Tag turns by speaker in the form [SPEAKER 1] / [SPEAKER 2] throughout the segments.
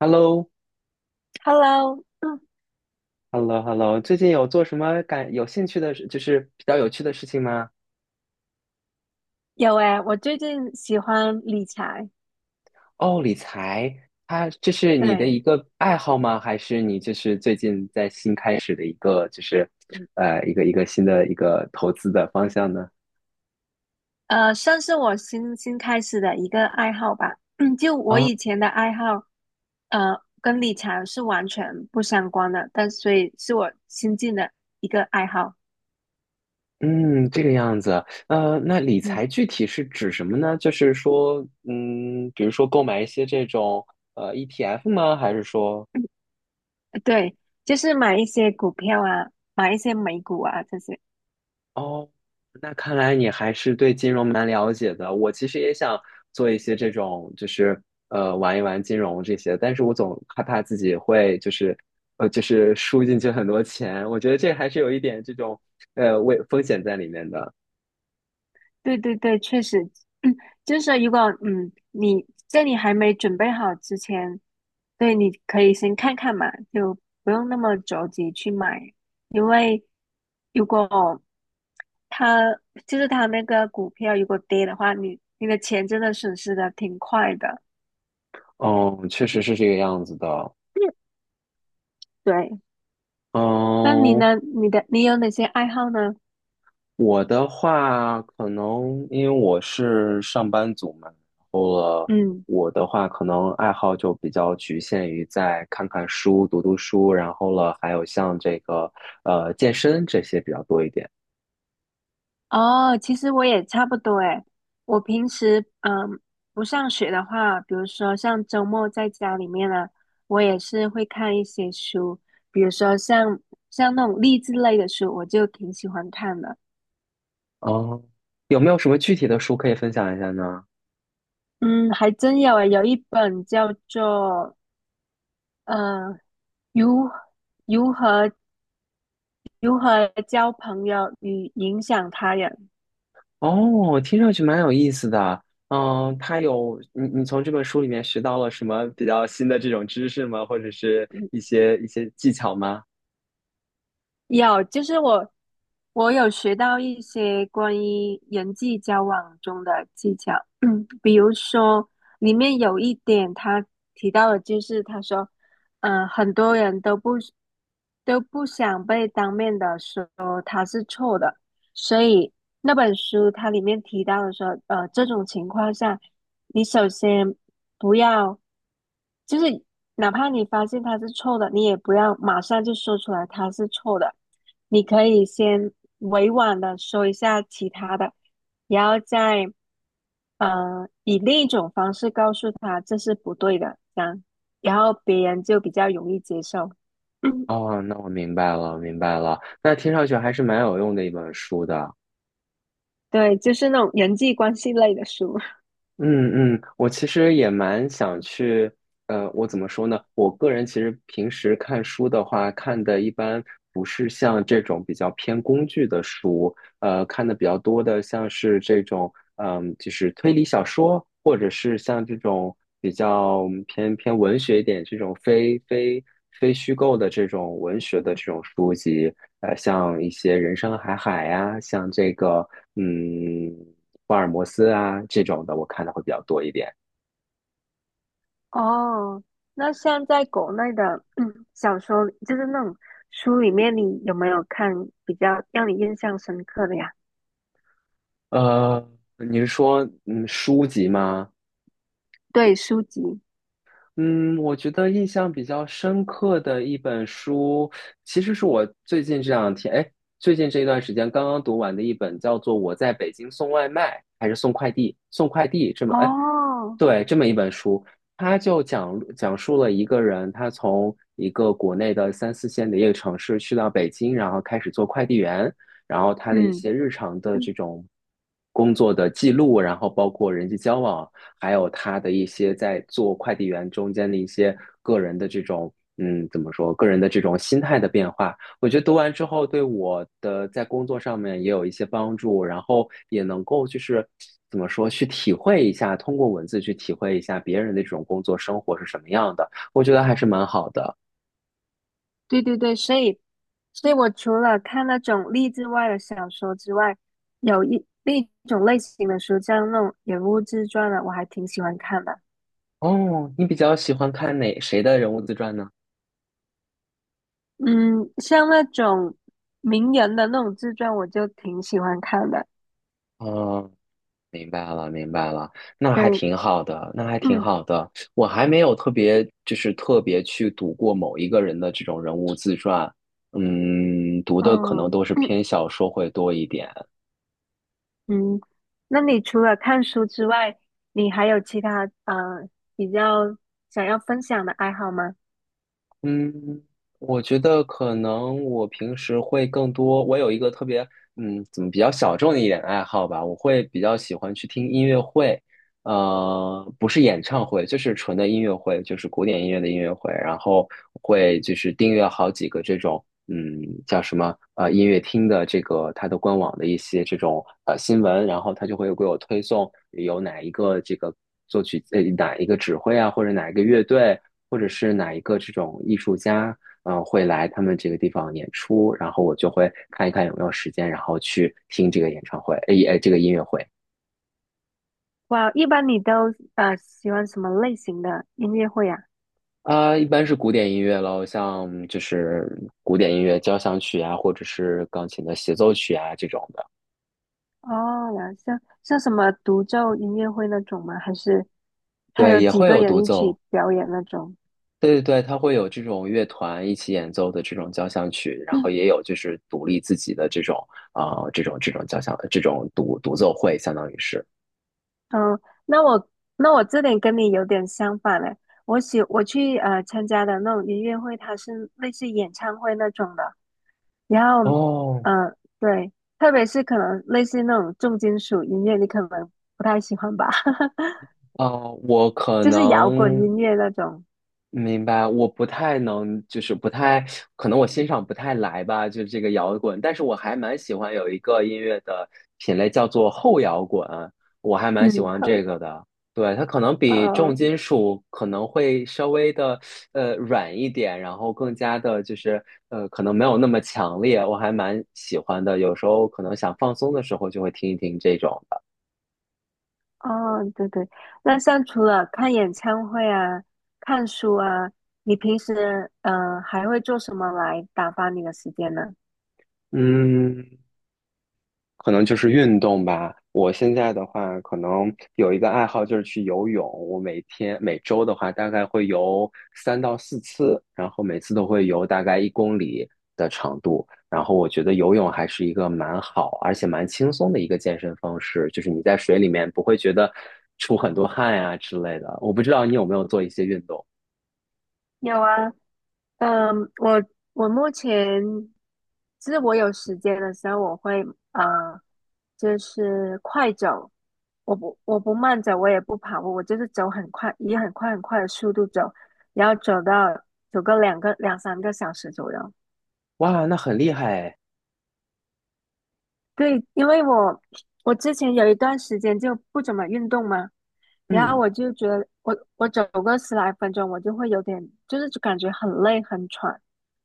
[SPEAKER 1] h e l l o
[SPEAKER 2] Hello，
[SPEAKER 1] h e l l o h e l l o 最近有做什么感有兴趣的事，就是比较有趣的事情吗？
[SPEAKER 2] 有诶，我最近喜欢理财，
[SPEAKER 1] 哦，理财，它这是你的
[SPEAKER 2] 对，
[SPEAKER 1] 一个爱好吗？还是你就是最近在新开始的一个，就是一个新的一个投资的方向呢？
[SPEAKER 2] 算是我新开始的一个爱好吧。就我
[SPEAKER 1] 啊，
[SPEAKER 2] 以前的爱好，跟理财是完全不相关的，但所以是我新进的一个爱好。
[SPEAKER 1] 嗯，这个样子。那理
[SPEAKER 2] 嗯，
[SPEAKER 1] 财具体是指什么呢？就是说，比如说购买一些这种ETF 吗？还是说？
[SPEAKER 2] 对，就是买一些股票啊，买一些美股啊这些。
[SPEAKER 1] 哦，那看来你还是对金融蛮了解的。我其实也想做一些这种，就是玩一玩金融这些，但是我总害怕自己会就是输进去很多钱。我觉得这还是有一点这种危风险在里面的。
[SPEAKER 2] 对对对，确实，就是说如果你在你还没准备好之前。对，你可以先看看嘛，就不用那么着急去买，因为如果它就是它那个股票如果跌的话，你的钱真的损失的挺快的。
[SPEAKER 1] 嗯，确实是这个样子的。
[SPEAKER 2] 对，那你
[SPEAKER 1] 嗯，
[SPEAKER 2] 呢？你有哪些爱好呢？
[SPEAKER 1] 我的话，可能因为我是上班族嘛，然后了，
[SPEAKER 2] 嗯。
[SPEAKER 1] 我的话可能爱好就比较局限于在看看书、读读书，然后了，还有像这个健身这些比较多一点。
[SPEAKER 2] 哦，其实我也差不多诶。我平时嗯不上学的话，比如说像周末在家里面呢，我也是会看一些书，比如说像那种励志类的书，我就挺喜欢看的。
[SPEAKER 1] 哦，有没有什么具体的书可以分享一下呢？
[SPEAKER 2] 嗯，还真有诶，有一本叫做呃如如何如何交朋友与影响他人，
[SPEAKER 1] 哦，听上去蛮有意思的。嗯，它有你从这本书里面学到了什么比较新的这种知识吗？或者是一些技巧吗？
[SPEAKER 2] 有，就是我。我有学到一些关于人际交往中的技巧，嗯，比如说里面有一点他提到的，就是他说，嗯，很多人都不想被当面的说他是错的，所以那本书它里面提到的说，呃，这种情况下，你首先不要，就是哪怕你发现他是错的，你也不要马上就说出来他是错的。你可以先委婉的说一下其他的，然后再以另一种方式告诉他这是不对的，这样，然后别人就比较容易接受。
[SPEAKER 1] 哦，那我明白了，明白了。那听上去还是蛮有用的一本书的。
[SPEAKER 2] 对，就是那种人际关系类的书。
[SPEAKER 1] 嗯嗯，我其实也蛮想去，我怎么说呢？我个人其实平时看书的话，看的一般不是像这种比较偏工具的书，看的比较多的，像是这种就是推理小说，或者是像这种比较偏文学一点这种非虚构的这种文学的这种书籍，像一些《人生海海》呀，像这个嗯福尔摩斯啊这种的，我看的会比较多一点。
[SPEAKER 2] 哦，那像在国内的，嗯小说，就是那种书里面，你有没有看比较让你印象深刻的呀？
[SPEAKER 1] 呃，你是说书籍吗？
[SPEAKER 2] 对，书籍。
[SPEAKER 1] 嗯，我觉得印象比较深刻的一本书，其实是我最近这一段时间刚刚读完的一本，叫做《我在北京送外卖还是送快递》，送快递这么，哎，
[SPEAKER 2] 哦，
[SPEAKER 1] 对，这么一本书，它就讲述了一个人，他从一个国内的三四线的一个城市去到北京，然后开始做快递员，然后他的一
[SPEAKER 2] 嗯。
[SPEAKER 1] 些日常的这种工作的记录，然后包括人际交往。还有他的一些在做快递员中间的一些个人的这种，怎么说，个人的这种心态的变化，我觉得读完之后对我的在工作上面也有一些帮助，然后也能够就是怎么说，去体会一下，通过文字去体会一下别人的这种工作生活是什么样的，我觉得还是蛮好的。
[SPEAKER 2] 对对对，所以，所以我除了看那种励志外的小说之外，有一另一种类型的书，像那种人物自传的，我还挺喜欢看的。
[SPEAKER 1] 哦，你比较喜欢看哪谁的人物自传呢？
[SPEAKER 2] 嗯，像那种名人的那种自传，我就挺喜欢看的。
[SPEAKER 1] 哦，明白了，明白了，那还
[SPEAKER 2] 对，
[SPEAKER 1] 挺好的，那还挺
[SPEAKER 2] 嗯，
[SPEAKER 1] 好的。我还没有特别，就是特别去读过某一个人的这种人物自传，读的可能
[SPEAKER 2] 哦，
[SPEAKER 1] 都是偏 小说会多一点。
[SPEAKER 2] 嗯，那你除了看书之外，你还有其他比较想要分享的爱好吗？
[SPEAKER 1] 嗯，我觉得可能我平时会更多，我有一个特别，怎么比较小众的一点爱好吧，我会比较喜欢去听音乐会，不是演唱会，就是纯的音乐会，就是古典音乐的音乐会，然后会就是订阅好几个这种。嗯，叫什么音乐厅的这个它的官网的一些这种新闻，然后它就会给我推送有哪一个这个作曲哪一个指挥啊，或者哪一个乐队，或者是哪一个这种艺术家，会来他们这个地方演出，然后我就会看一看有没有时间，然后去听这个演唱会，这个音乐会。
[SPEAKER 2] 哇，一般你都喜欢什么类型的音乐会呀？
[SPEAKER 1] 啊，一般是古典音乐喽，像就是古典音乐交响曲啊，或者是钢琴的协奏曲啊这种的。
[SPEAKER 2] 哦，了，像什么独奏音乐会那种吗？还是他
[SPEAKER 1] 对，
[SPEAKER 2] 有
[SPEAKER 1] 也
[SPEAKER 2] 几
[SPEAKER 1] 会
[SPEAKER 2] 个
[SPEAKER 1] 有
[SPEAKER 2] 人
[SPEAKER 1] 独
[SPEAKER 2] 一
[SPEAKER 1] 奏。
[SPEAKER 2] 起表演那种？
[SPEAKER 1] 对对对，它会有这种乐团一起演奏的这种交响曲，然后也有就是独立自己的这种这种交响这种独奏会，相当于是。
[SPEAKER 2] 嗯，那我那我这点跟你有点相反嘞。我去参加的那种音乐会，它是类似演唱会那种的。然后，
[SPEAKER 1] 哦，
[SPEAKER 2] 嗯，对，特别是可能类似那种重金属音乐，你可能不太喜欢吧，
[SPEAKER 1] 我可
[SPEAKER 2] 就是摇滚
[SPEAKER 1] 能。
[SPEAKER 2] 音乐那种。
[SPEAKER 1] 明白，我不太能，就是不太，可能我欣赏不太来吧，就这个摇滚，但是我还蛮喜欢有一个音乐的品类叫做后摇滚，我还蛮喜
[SPEAKER 2] 嗯，
[SPEAKER 1] 欢
[SPEAKER 2] 后
[SPEAKER 1] 这个的。对，它可能比重
[SPEAKER 2] 呃。
[SPEAKER 1] 金属可能会稍微的软一点，然后更加的就是可能没有那么强烈，我还蛮喜欢的。有时候可能想放松的时候就会听一听这种的。
[SPEAKER 2] 哦，对对，那像除了看演唱会啊、看书啊，你平时嗯还会做什么来打发你的时间呢？
[SPEAKER 1] 嗯，可能就是运动吧。我现在的话，可能有一个爱好就是去游泳。我每天每周的话，大概会游3到4次，然后每次都会游大概1公里的长度。然后我觉得游泳还是一个蛮好，而且蛮轻松的一个健身方式，就是你在水里面不会觉得出很多汗呀、之类的。我不知道你有没有做一些运动？
[SPEAKER 2] 有啊，嗯，我我目前就是我有时间的时候，我会啊，就是快走，我不慢走，我也不跑步，我就是走很快，以很快很快的速度走，然后走个两三个小时左右。
[SPEAKER 1] 哇，那很厉害哎
[SPEAKER 2] 对，因为我之前有一段时间就不怎么运动嘛，然后
[SPEAKER 1] 嗯。
[SPEAKER 2] 我就觉得我走个十来分钟，我就会有点就是感觉很累很喘，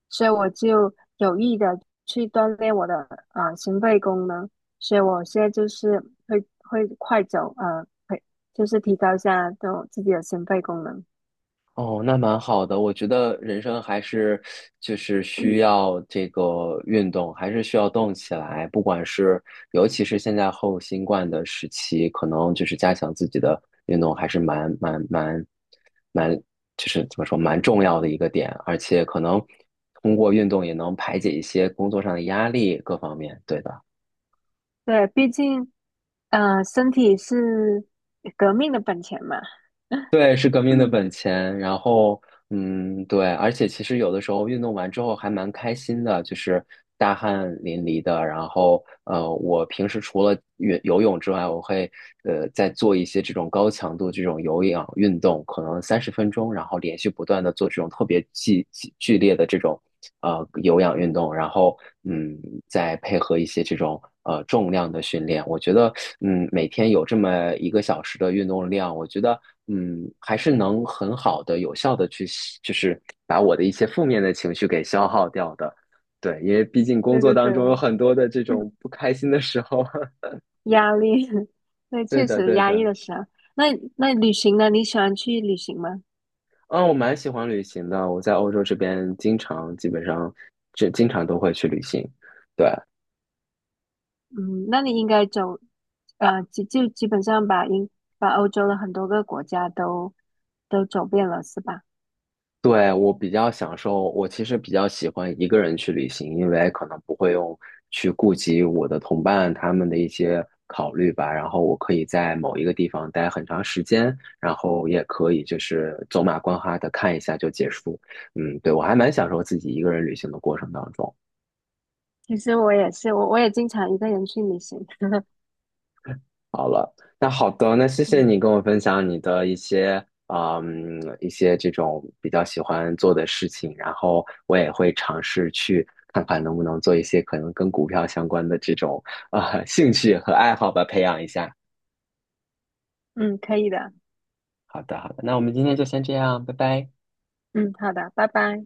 [SPEAKER 2] 所以我就有意的去锻炼我的心肺功能，所以我现在就是会快走，啊，会就是提高一下这种自己的心肺功能。
[SPEAKER 1] 哦，那蛮好的。我觉得人生还是就是需 要这个运动，还是需要动起来。不管是尤其是现在后新冠的时期，可能就是加强自己的运动还是蛮，就是怎么说蛮重要的一个点。而且可能通过运动也能排解一些工作上的压力，各方面。对的。
[SPEAKER 2] 对，毕竟身体是革命的本钱嘛。
[SPEAKER 1] 对，是革命的本 钱。然后，对，而且其实有的时候运动完之后还蛮开心的，就是大汗淋漓的。然后，我平时除了游泳之外，我会再做一些这种高强度这种有氧运动，可能30分钟，然后连续不断的做这种特别剧烈的这种。有氧运动，然后嗯再配合一些这种重量的训练，我觉得每天有这么一个小时的运动量，我觉得还是能很好的有效的去就是把我的一些负面的情绪给消耗掉的。对，因为毕竟 工
[SPEAKER 2] 对
[SPEAKER 1] 作
[SPEAKER 2] 对对。
[SPEAKER 1] 当中有 很多的这种不开心的时候。
[SPEAKER 2] 压力，对，
[SPEAKER 1] 对
[SPEAKER 2] 确
[SPEAKER 1] 的，
[SPEAKER 2] 实
[SPEAKER 1] 对
[SPEAKER 2] 压抑
[SPEAKER 1] 的。
[SPEAKER 2] 的时候。那那旅行呢？你喜欢去旅行吗？
[SPEAKER 1] 嗯，我蛮喜欢旅行的。我在欧洲这边经常，基本上，就经常都会去旅行。对，
[SPEAKER 2] 嗯，那你应该走，呃，基本上把欧洲的很多个国家都都走遍了，是吧？
[SPEAKER 1] 对，我比较享受，我其实比较喜欢一个人去旅行，因为可能不会用去顾及我的同伴他们的一些考虑吧。然后我可以在某一个地方待很长时间，然后也可以就是走马观花的看一下就结束。嗯，对，我还蛮享受自己一个人旅行的过程当中。
[SPEAKER 2] 其实我也是，我也经常一个人去旅行。
[SPEAKER 1] 好了，那好的，那谢谢
[SPEAKER 2] 嗯
[SPEAKER 1] 你跟我分享你的一些，一些这种比较喜欢做的事情，然后我也会尝试去看看能不能做一些可能跟股票相关的这种兴趣和爱好吧，培养一下。
[SPEAKER 2] 嗯，可以的。
[SPEAKER 1] 好的，好的，那我们今天就先这样，拜拜。
[SPEAKER 2] 嗯，好的，拜拜。